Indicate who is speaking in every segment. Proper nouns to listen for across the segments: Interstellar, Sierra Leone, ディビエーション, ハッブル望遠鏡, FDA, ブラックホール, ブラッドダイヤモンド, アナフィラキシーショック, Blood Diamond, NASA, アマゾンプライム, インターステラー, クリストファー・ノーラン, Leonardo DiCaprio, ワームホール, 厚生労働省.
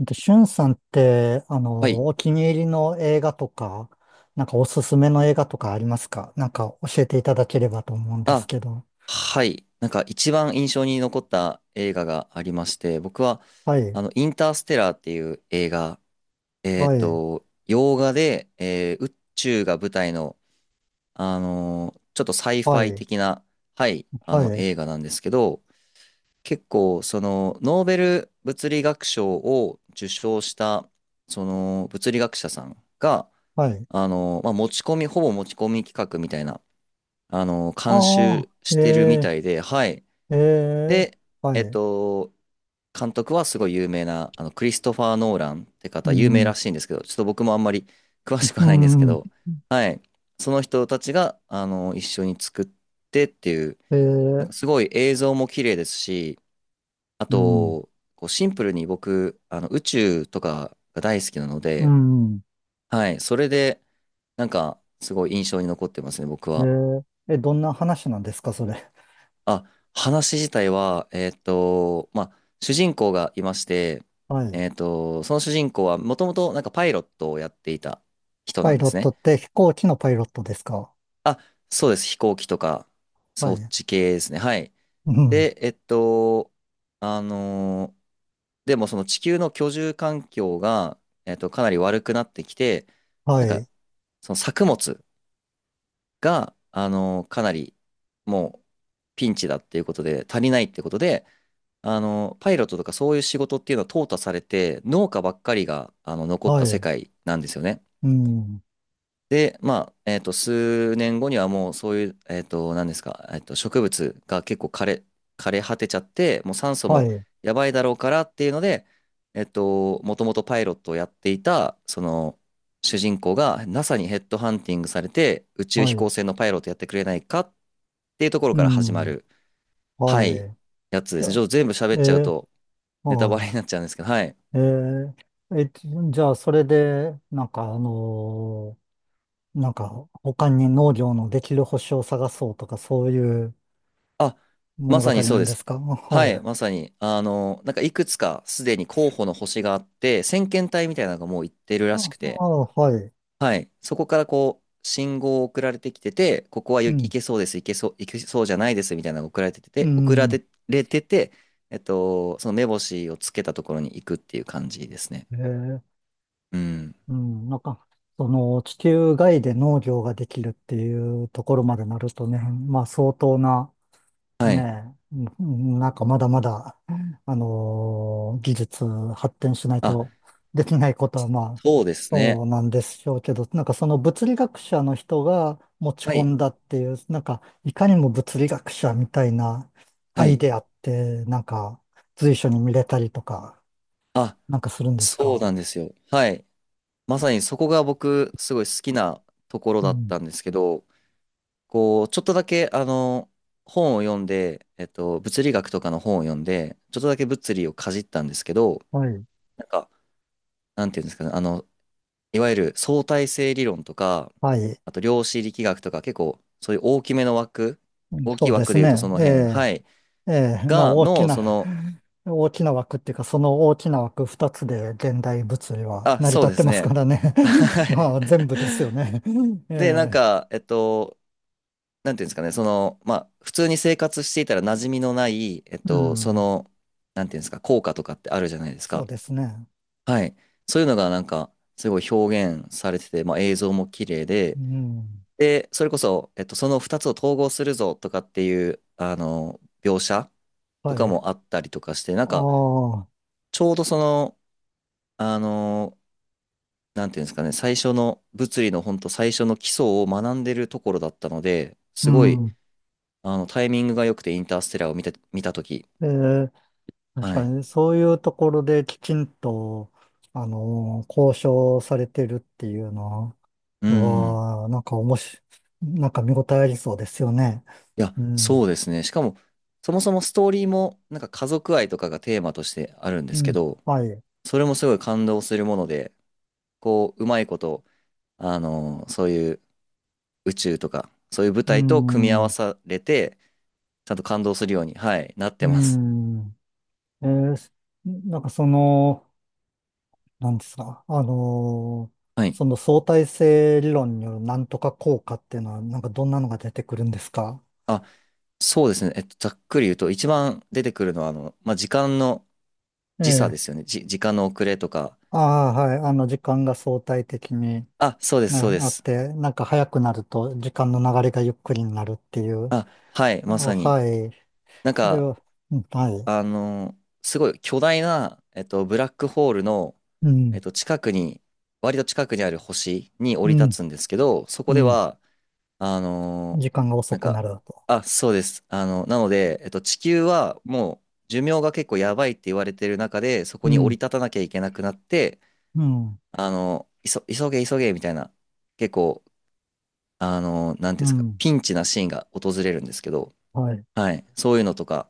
Speaker 1: で、しゅんさんって、
Speaker 2: はい。
Speaker 1: お気に入りの映画とか、なんかおすすめの映画とかありますか？なんか教えていただければと思うんです
Speaker 2: あ、
Speaker 1: けど。
Speaker 2: はい。なんか一番印象に残った映画がありまして、僕は、
Speaker 1: はい、
Speaker 2: インターステラーっていう映画、
Speaker 1: はい、
Speaker 2: 洋画で、宇宙が舞台の、ちょっとサイフ
Speaker 1: は
Speaker 2: ァイ
Speaker 1: い、
Speaker 2: 的な、はい、あ
Speaker 1: は
Speaker 2: の
Speaker 1: い、
Speaker 2: 映画なんですけど、結構、その、ノーベル物理学賞を受賞した、その、物理学者さんが、
Speaker 1: はい。
Speaker 2: まあ、持ち込み、ほぼ持ち込み企画みたいな、監
Speaker 1: ああ、
Speaker 2: 修してるみ
Speaker 1: え
Speaker 2: たいで、はい。
Speaker 1: ー、えー、
Speaker 2: で、
Speaker 1: は
Speaker 2: えっ
Speaker 1: い。
Speaker 2: と、監督はすごい有名な、クリストファー・ノーランって
Speaker 1: う
Speaker 2: 方、有名
Speaker 1: ん、
Speaker 2: らしいんですけど、ちょっと僕もあんまり詳しく
Speaker 1: う
Speaker 2: はないんですけ
Speaker 1: ん、
Speaker 2: ど、はい。その人たちが、一緒に作ってっていう、
Speaker 1: え
Speaker 2: なん
Speaker 1: ー、
Speaker 2: かすごい映像も綺麗ですし、あ
Speaker 1: うん、
Speaker 2: と、こうシンプルに僕、宇宙とかが大好きなの
Speaker 1: う
Speaker 2: で、
Speaker 1: ん、
Speaker 2: はい。それで、なんか、すごい印象に残ってますね、僕
Speaker 1: え
Speaker 2: は。
Speaker 1: ー、どんな話なんですか、それ？
Speaker 2: あ、話自体は、まあ、主人公がいまして、
Speaker 1: はい。
Speaker 2: その主人公はもともとなんかパイロットをやっていた人
Speaker 1: パ
Speaker 2: な
Speaker 1: イ
Speaker 2: んで
Speaker 1: ロ
Speaker 2: す
Speaker 1: ット
Speaker 2: ね。
Speaker 1: って飛行機のパイロットですか？
Speaker 2: あ、そうです。飛行機とか、
Speaker 1: は
Speaker 2: そっ
Speaker 1: い。
Speaker 2: ち系ですね。はい。
Speaker 1: うん、
Speaker 2: で、あのーでもその地球の居住環境が、かなり悪くなってきて、な
Speaker 1: は
Speaker 2: んか、
Speaker 1: い、
Speaker 2: その作物が、かなり、もう、ピンチだっていうことで、足りないってことで、パイロットとかそういう仕事っていうのは淘汰されて、農家ばっかりが、残っ
Speaker 1: は
Speaker 2: た世
Speaker 1: い、
Speaker 2: 界なんですよね。
Speaker 1: うん、
Speaker 2: で、まあ、数年後にはもうそういう、何ですか、植物が結構枯れ果てちゃって、もう酸素
Speaker 1: は
Speaker 2: も
Speaker 1: い。
Speaker 2: やばいだろうからっていうので、もともとパイロットをやっていた、その、主人公が NASA にヘッドハンティングされて、宇宙
Speaker 1: は
Speaker 2: 飛
Speaker 1: い。
Speaker 2: 行船のパイロットやってくれないかっていうところ
Speaker 1: う
Speaker 2: から始
Speaker 1: ん、
Speaker 2: まる、は
Speaker 1: は
Speaker 2: い、
Speaker 1: い。
Speaker 2: やつ
Speaker 1: じ
Speaker 2: で
Speaker 1: ゃ
Speaker 2: すね。ち
Speaker 1: あ、
Speaker 2: ょっと全部喋っちゃう
Speaker 1: え
Speaker 2: と、ネタ
Speaker 1: は
Speaker 2: バ
Speaker 1: い。
Speaker 2: レになっちゃうんですけど、はい。
Speaker 1: えー、え、じゃあ、それで、なんか、なんか、他に農業のできる星を探そうとか、そういう
Speaker 2: あ、ま
Speaker 1: 物
Speaker 2: さ
Speaker 1: 語
Speaker 2: にそう
Speaker 1: なん
Speaker 2: で
Speaker 1: で
Speaker 2: す。
Speaker 1: すかあ？ は
Speaker 2: はい、
Speaker 1: い。
Speaker 2: まさに。なんかいくつかすでに候補の星があって、先遣隊みたいなのがもう行ってる
Speaker 1: あ、
Speaker 2: らしく
Speaker 1: あ、
Speaker 2: て、
Speaker 1: はい。
Speaker 2: はい、そこからこう、信号を送られてきてて、ここは
Speaker 1: う
Speaker 2: 行
Speaker 1: ん、
Speaker 2: けそうです、行けそう、行けそうじゃないですみたいなのが
Speaker 1: う
Speaker 2: 送ら
Speaker 1: ん、
Speaker 2: れてて、その目星をつけたところに行くっていう感じですね。
Speaker 1: えー、
Speaker 2: うん。
Speaker 1: うん、なんか、その、地球外で農業ができるっていうところまでなるとね、まあ、相当な、
Speaker 2: はい。
Speaker 1: ねえ、うんなんかまだまだ、技術発展しない
Speaker 2: あ、
Speaker 1: とできないことはまあ、
Speaker 2: そうです
Speaker 1: そ
Speaker 2: ね。
Speaker 1: うなんでしょうけど、なんかその物理学者の人が持ち
Speaker 2: は
Speaker 1: 込
Speaker 2: い。
Speaker 1: んだっていう、なんかいかにも物理学者みたいなア
Speaker 2: は
Speaker 1: イ
Speaker 2: い。
Speaker 1: デアって、なんか随所に見れたりとか、
Speaker 2: あ、
Speaker 1: なんかするんです
Speaker 2: そうな
Speaker 1: か？
Speaker 2: んですよ。はい。まさにそこが僕すごい好きなところ
Speaker 1: う
Speaker 2: だっ
Speaker 1: ん。
Speaker 2: たんですけど、こう、ちょっとだけ本を読んで、物理学とかの本を読んで、ちょっとだけ物理をかじったんですけど、
Speaker 1: はい。
Speaker 2: なんか、なんていうんですかね、いわゆる相対性理論とか、
Speaker 1: はい。
Speaker 2: あと量子力学とか結構そういう大きめの枠、
Speaker 1: うん
Speaker 2: 大き
Speaker 1: そ
Speaker 2: い
Speaker 1: うで
Speaker 2: 枠
Speaker 1: す
Speaker 2: で言うとそ
Speaker 1: ね。
Speaker 2: の
Speaker 1: え
Speaker 2: 辺、はい、
Speaker 1: えええ、まあ
Speaker 2: が、
Speaker 1: 大き
Speaker 2: の、
Speaker 1: な、
Speaker 2: その、
Speaker 1: 大きな枠っていうか、その大きな枠二つで現代物理は
Speaker 2: あ、
Speaker 1: 成り
Speaker 2: そう
Speaker 1: 立っ
Speaker 2: で
Speaker 1: て
Speaker 2: す
Speaker 1: ます
Speaker 2: ね。
Speaker 1: からね。
Speaker 2: は い。
Speaker 1: まあ全部ですよね。
Speaker 2: で、なん
Speaker 1: え
Speaker 2: か、なんていうんですかね、その、まあ、普通に生活していたら馴染みのない、
Speaker 1: え、う
Speaker 2: そ
Speaker 1: ん、
Speaker 2: の、なんていうんですか、効果とかってあるじゃないです
Speaker 1: そう
Speaker 2: か。
Speaker 1: ですね。
Speaker 2: はい。そういうのがなんか、すごい表現されてて、まあ、映像も綺麗
Speaker 1: う
Speaker 2: で、
Speaker 1: ん、
Speaker 2: で、それこそ、その2つを統合するぞとかっていう、描写と
Speaker 1: は
Speaker 2: か
Speaker 1: い。あ
Speaker 2: もあったりとかして、なんか、
Speaker 1: あ、
Speaker 2: ちょうどその、あの、なんていうんですかね、最初の、物理の本当最初の基礎を学んでるところだったので、
Speaker 1: う
Speaker 2: すごい、
Speaker 1: ん。
Speaker 2: タイミングが良くてインターステラーを見たと
Speaker 1: ええ、確
Speaker 2: は
Speaker 1: か
Speaker 2: い。
Speaker 1: にそういうところできちんと、交渉されてるっていうの
Speaker 2: うん。
Speaker 1: は、なんかおもし、なんか見応えありそうですよね。
Speaker 2: いや、
Speaker 1: うん、
Speaker 2: そうですね。しかも、そもそもストーリーも、なんか家族愛とかがテーマとしてあるんで
Speaker 1: う
Speaker 2: すけ
Speaker 1: ん、
Speaker 2: ど、
Speaker 1: はい。
Speaker 2: それもすごい感動するもので、こう、うまいこと、そういう宇宙とか、そういう舞
Speaker 1: う
Speaker 2: 台と組み合わ
Speaker 1: ん
Speaker 2: されて、ちゃんと感動するように、はい、なって
Speaker 1: う
Speaker 2: ます。
Speaker 1: ん。えーすなんかその、なんですか、
Speaker 2: はい。
Speaker 1: その相対性理論によるなんとか効果っていうのは、なんかどんなのが出てくるんですか？
Speaker 2: あ、そうですね。ざっくり言うと、一番出てくるのは、まあ、時間の
Speaker 1: え
Speaker 2: 時差で
Speaker 1: え。
Speaker 2: すよね。時間の遅れとか。
Speaker 1: ああ、はい。時間が相対的に、
Speaker 2: あ、そうです、
Speaker 1: ね、
Speaker 2: そうで
Speaker 1: あっ
Speaker 2: す。
Speaker 1: て、なんか早くなると時間の流れがゆっくりになるっていう。
Speaker 2: あ、はい、
Speaker 1: あ、
Speaker 2: まさに。
Speaker 1: はい。
Speaker 2: なん
Speaker 1: それ
Speaker 2: か、
Speaker 1: は、うんはい。
Speaker 2: あの、すごい巨大な、ブラックホールの、
Speaker 1: うん、
Speaker 2: 近くに、割と近くにある星に降
Speaker 1: う
Speaker 2: り立
Speaker 1: ん、
Speaker 2: つんですけど、そ
Speaker 1: う
Speaker 2: こで
Speaker 1: ん。
Speaker 2: は、あの
Speaker 1: 時間が遅
Speaker 2: なん
Speaker 1: くな
Speaker 2: か、
Speaker 1: るだと。
Speaker 2: あ、そうです。なので、地球はもう寿命が結構やばいって言われてる中で、そこ
Speaker 1: う
Speaker 2: に降り
Speaker 1: ん、
Speaker 2: 立たなきゃいけなくなって、
Speaker 1: うん、
Speaker 2: 急げ急げみたいな、結構、なんて
Speaker 1: う
Speaker 2: いうんですか、
Speaker 1: ん。
Speaker 2: ピンチなシーンが訪れるんですけど、
Speaker 1: はい。
Speaker 2: はい、そういうのとか、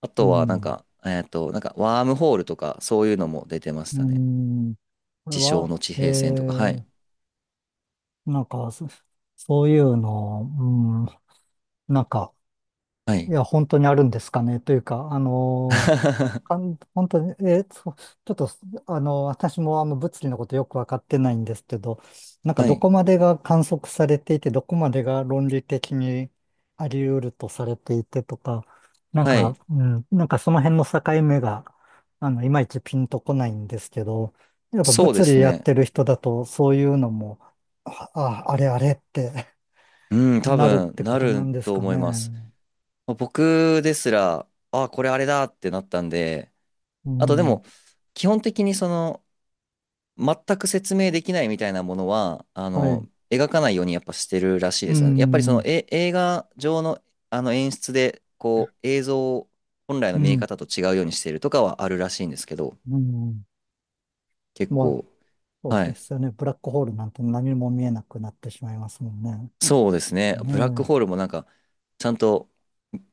Speaker 2: あ
Speaker 1: う
Speaker 2: とは、なん
Speaker 1: ん。
Speaker 2: か、なんか、ワームホールとか、そういうのも出てまし
Speaker 1: うー
Speaker 2: たね。
Speaker 1: ん。これ
Speaker 2: 地上
Speaker 1: は、
Speaker 2: の地平線とか、はい。
Speaker 1: なんか、そういうの、うん、なんか、
Speaker 2: は
Speaker 1: い
Speaker 2: い。
Speaker 1: や、本当にあるんですかね。というか、本当に、ちょっと、私も物理のことよくわかってないんですけど、なんか
Speaker 2: は
Speaker 1: ど
Speaker 2: い。
Speaker 1: こまでが観測されていて、どこまでが論理的にあり得るとされていてとか、なん
Speaker 2: は
Speaker 1: か、
Speaker 2: い。
Speaker 1: うん、なんかその辺の境目が、いまいちピンとこないんですけど、やっぱ
Speaker 2: そうで
Speaker 1: 物理
Speaker 2: す
Speaker 1: やっ
Speaker 2: ね。
Speaker 1: てる人だと、そういうのも、あ、ああれあれって
Speaker 2: うん、多
Speaker 1: なるっ
Speaker 2: 分、
Speaker 1: てこ
Speaker 2: な
Speaker 1: とな
Speaker 2: る
Speaker 1: んです
Speaker 2: と
Speaker 1: か
Speaker 2: 思います。
Speaker 1: ね？
Speaker 2: まあ僕ですら、あ、これあれだってなったんで、
Speaker 1: う
Speaker 2: あとで
Speaker 1: ん、
Speaker 2: も、基本的にその、全く説明できないみたいなものは、
Speaker 1: はい。
Speaker 2: 描かないようにやっぱしてるらしい
Speaker 1: う
Speaker 2: ですよね。やっぱりその、
Speaker 1: ん、
Speaker 2: え、映画上の、あの演出で、こう、映像を本来
Speaker 1: う
Speaker 2: の見え
Speaker 1: ん、
Speaker 2: 方と違うようにしているとかはあるらしいんですけど、
Speaker 1: うん。
Speaker 2: 結
Speaker 1: まあ
Speaker 2: 構、
Speaker 1: そう
Speaker 2: は
Speaker 1: で
Speaker 2: い。
Speaker 1: すよね。ブラックホールなんて何も見えなくなってしまいますもんね。
Speaker 2: そうですね。ブラック
Speaker 1: ね
Speaker 2: ホールもなんか、ちゃんと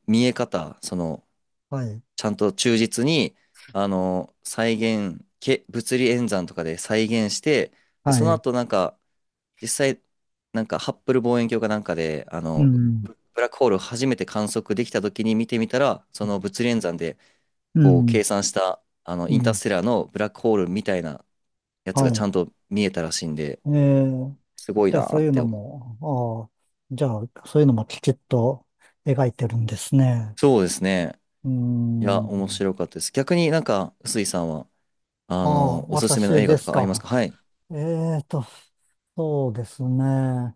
Speaker 2: 見え方、その、
Speaker 1: えはい。
Speaker 2: ちゃんと忠実に、再現、物理演算とかで再現して、で、
Speaker 1: は
Speaker 2: その
Speaker 1: い。
Speaker 2: 後なんか、実際、なんかハッブル望遠鏡かなんかであ
Speaker 1: う
Speaker 2: の
Speaker 1: ん。
Speaker 2: ブラックホールを初めて観測できた時に見てみたら、その物理演算で
Speaker 1: う
Speaker 2: こう
Speaker 1: ん。
Speaker 2: 計算したあの
Speaker 1: う
Speaker 2: インター
Speaker 1: ん。
Speaker 2: ステラーのブラックホールみたいなやつ
Speaker 1: は
Speaker 2: がちゃ
Speaker 1: い。
Speaker 2: んと見えたらしいんで、
Speaker 1: えー、
Speaker 2: すごい
Speaker 1: じゃあ
Speaker 2: な
Speaker 1: そう
Speaker 2: っ
Speaker 1: いう
Speaker 2: て。
Speaker 1: のも、ああ、じゃあそういうのもきちっと描いてるんですね。
Speaker 2: そうですね。
Speaker 1: うー
Speaker 2: いや、面
Speaker 1: ん。
Speaker 2: 白かったです。逆になんか、臼井さんは、
Speaker 1: ああ、
Speaker 2: おすすめの
Speaker 1: 私
Speaker 2: 映画
Speaker 1: で
Speaker 2: と
Speaker 1: す
Speaker 2: かあります
Speaker 1: か？
Speaker 2: か、はい。
Speaker 1: えーと、そうですね。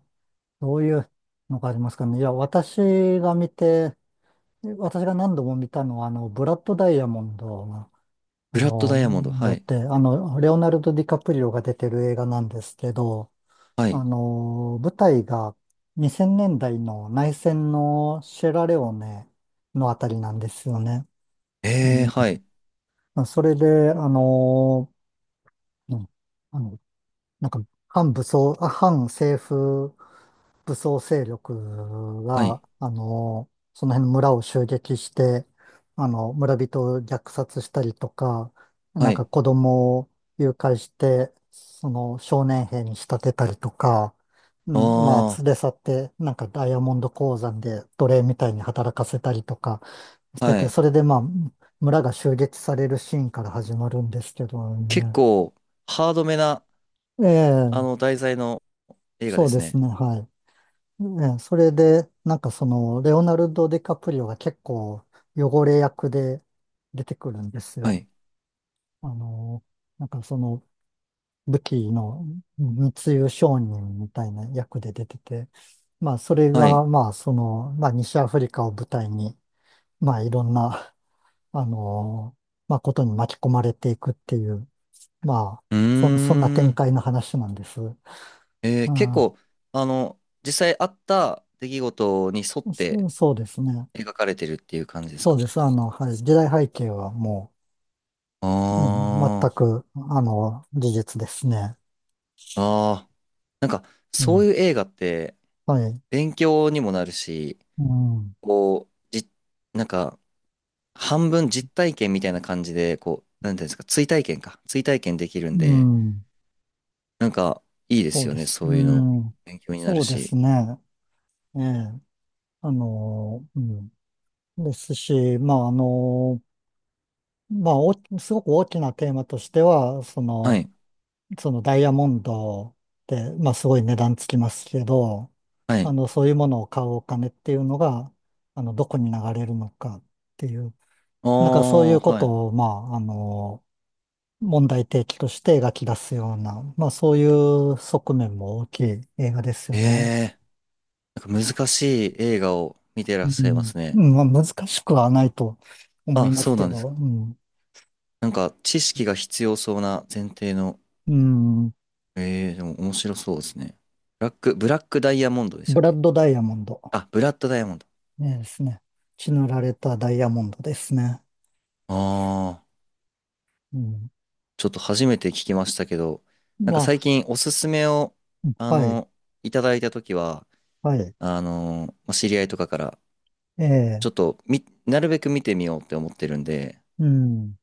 Speaker 1: どういうのがありますかね。いや、が見て、私が何度も見たのは、ブラッドダイヤモンド。
Speaker 2: ブラッドダイヤモンド。
Speaker 1: だ
Speaker 2: は
Speaker 1: っ
Speaker 2: い。
Speaker 1: て、レオナルド・ディカプリオが出てる映画なんですけど、
Speaker 2: はい。
Speaker 1: 舞台が2000年代の内戦のシェラレオネのあたりなんですよね。う
Speaker 2: えー、
Speaker 1: ん、
Speaker 2: はい。
Speaker 1: まあそれで、うん、あの、なんか、反政府武装勢力
Speaker 2: は
Speaker 1: が、
Speaker 2: い。
Speaker 1: その辺の村を襲撃して、村人を虐殺したりとか、な
Speaker 2: は
Speaker 1: んか
Speaker 2: い。
Speaker 1: 子供を誘拐して、その少年兵に仕立てたりとか、うん、まあ、
Speaker 2: あ
Speaker 1: 連れ去って、なんかダイヤモンド鉱山で奴隷みたいに働かせたりとかし
Speaker 2: あ、
Speaker 1: て
Speaker 2: は
Speaker 1: て、
Speaker 2: い。
Speaker 1: それでまあ、村が襲撃されるシーンから始まるんですけど
Speaker 2: 結
Speaker 1: ね。
Speaker 2: 構、ハードめな、
Speaker 1: ええ、
Speaker 2: 題材の映画で
Speaker 1: そうで
Speaker 2: す
Speaker 1: す
Speaker 2: ね。
Speaker 1: ね、はい。ね、それで、なんかその、レオナルド・ディカプリオが結構汚れ役で出てくるんです
Speaker 2: は
Speaker 1: よ。
Speaker 2: い。
Speaker 1: あの、なんかその、武器の密輸商人みたいな役で出てて、まあそれ
Speaker 2: は
Speaker 1: が、
Speaker 2: い。
Speaker 1: まあその、まあ西アフリカを舞台に、まあいろんな、あの、まあことに巻き込まれていくっていう、まあ、
Speaker 2: う
Speaker 1: そんな
Speaker 2: ー
Speaker 1: 展
Speaker 2: ん。
Speaker 1: 開の話なんです。う
Speaker 2: えー結
Speaker 1: ん、
Speaker 2: 構、実際あった出来事に沿って
Speaker 1: そうですね。
Speaker 2: 描かれてるっていう感じです
Speaker 1: そ
Speaker 2: か。
Speaker 1: うです。はい。時代背景はもう、うん、全
Speaker 2: あ
Speaker 1: く、事実ですね。
Speaker 2: あ、ああ、なんか、
Speaker 1: う
Speaker 2: そう
Speaker 1: ん。
Speaker 2: いう映画って、
Speaker 1: はい。
Speaker 2: 勉強にもなるし、
Speaker 1: うん。
Speaker 2: こう、なんか、半分実体験みたいな感じで、こう、なんていうんですか、追体験か。追体験できるん
Speaker 1: う
Speaker 2: で、
Speaker 1: ん。
Speaker 2: なんか、いいで
Speaker 1: そう
Speaker 2: すよ
Speaker 1: で
Speaker 2: ね、
Speaker 1: す。
Speaker 2: そ
Speaker 1: う
Speaker 2: ういうの。
Speaker 1: ん。
Speaker 2: 勉強にな
Speaker 1: そ
Speaker 2: る
Speaker 1: うです
Speaker 2: し。
Speaker 1: ね。ええ。うん。ですし、まあ、まあ、すごく大きなテーマとしては、そ
Speaker 2: は
Speaker 1: の、
Speaker 2: い、
Speaker 1: そのダイヤモンドって、まあ、すごい値段つきますけど、
Speaker 2: はい。
Speaker 1: そういうものを買うお金っていうのが、どこに流れるのかっていう、
Speaker 2: あ
Speaker 1: なんかそうい
Speaker 2: あ、
Speaker 1: うこ
Speaker 2: はい。
Speaker 1: とを、まあ、問題提起として描き出すような、まあそういう側面も大きい映画です
Speaker 2: え
Speaker 1: よね。
Speaker 2: え、なんか難しい映画を見て
Speaker 1: う
Speaker 2: らっ
Speaker 1: ん。
Speaker 2: しゃいます
Speaker 1: う
Speaker 2: ね。
Speaker 1: んまあ難しくはないと思い
Speaker 2: あ、
Speaker 1: ま
Speaker 2: そ
Speaker 1: す
Speaker 2: う
Speaker 1: け
Speaker 2: なんです
Speaker 1: ど、う
Speaker 2: か。
Speaker 1: ん。
Speaker 2: なんか、知識が必要そうな前提の、
Speaker 1: うん。
Speaker 2: ええー、でも面白そうですね。ブラック、ブラックダイヤモンドでした
Speaker 1: ブ
Speaker 2: っ
Speaker 1: ラ
Speaker 2: け。
Speaker 1: ッドダイヤモンド。
Speaker 2: あ、ブラッドダイヤモンド。
Speaker 1: ねですね。血塗られたダイヤモンドですね。
Speaker 2: ああ、
Speaker 1: うん。
Speaker 2: ちょっと初めて聞きましたけど、なんか
Speaker 1: ま
Speaker 2: 最近おすすめを、あ
Speaker 1: あ、はい、
Speaker 2: の、いただいたときは、
Speaker 1: はい。
Speaker 2: まあ知り合いとかから、
Speaker 1: え
Speaker 2: ち
Speaker 1: え、
Speaker 2: ょっとなるべく見てみようって思ってるんで、
Speaker 1: うん。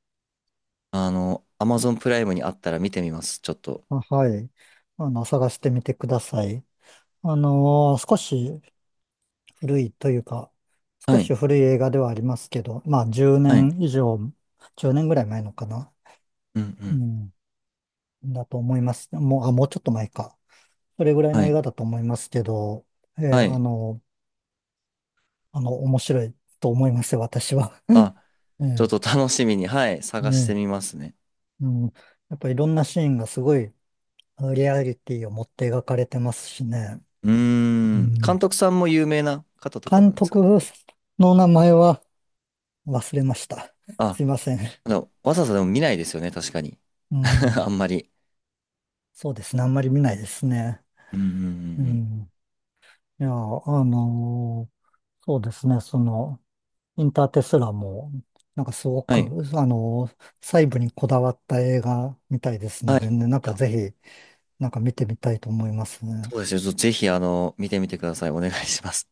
Speaker 2: アマゾンプライムにあったら見てみます、ちょっと。
Speaker 1: あはい。探してみてください。少し古いというか、少
Speaker 2: は
Speaker 1: し
Speaker 2: い、
Speaker 1: 古い映画ではありますけど、まあ10
Speaker 2: はい、
Speaker 1: 年以上、10年ぐらい前のかな。
Speaker 2: うん、う
Speaker 1: う
Speaker 2: ん、
Speaker 1: ん。だと思います。もう、あ、もうちょっと前か。それぐらいの
Speaker 2: は
Speaker 1: 映
Speaker 2: い、
Speaker 1: 画だと思いますけど、ええ
Speaker 2: はい。
Speaker 1: 面白いと思いますよ、私は。
Speaker 2: あ、
Speaker 1: え
Speaker 2: ちょっ
Speaker 1: え、
Speaker 2: と楽しみに、はい、探して
Speaker 1: ね
Speaker 2: みますね。
Speaker 1: え、うん。やっぱいろんなシーンがすごいリアリティを持って描かれてますしね。
Speaker 2: うー
Speaker 1: う
Speaker 2: ん、監
Speaker 1: ん。
Speaker 2: 督さんも有名な方とかな
Speaker 1: 監
Speaker 2: んです
Speaker 1: 督
Speaker 2: か。
Speaker 1: の名前は忘れました。
Speaker 2: あ、
Speaker 1: すいません。
Speaker 2: でもわざわざでも見ないですよね、確かに。
Speaker 1: う
Speaker 2: あ
Speaker 1: ん。
Speaker 2: んまり。
Speaker 1: そうですね。あんまり見ないですね。
Speaker 2: うんうんう
Speaker 1: う
Speaker 2: んうん。
Speaker 1: ん。いや、のーそうですね。その、インターテスラも、なんかすご
Speaker 2: は
Speaker 1: く、
Speaker 2: い。
Speaker 1: あのー細部にこだわった映画みたいですの
Speaker 2: はい。
Speaker 1: で
Speaker 2: い
Speaker 1: ね、なん
Speaker 2: や、
Speaker 1: かぜひ、なんか見てみたいと思いますね。
Speaker 2: そうですよ。ぜひ、見てみてください。お願いします。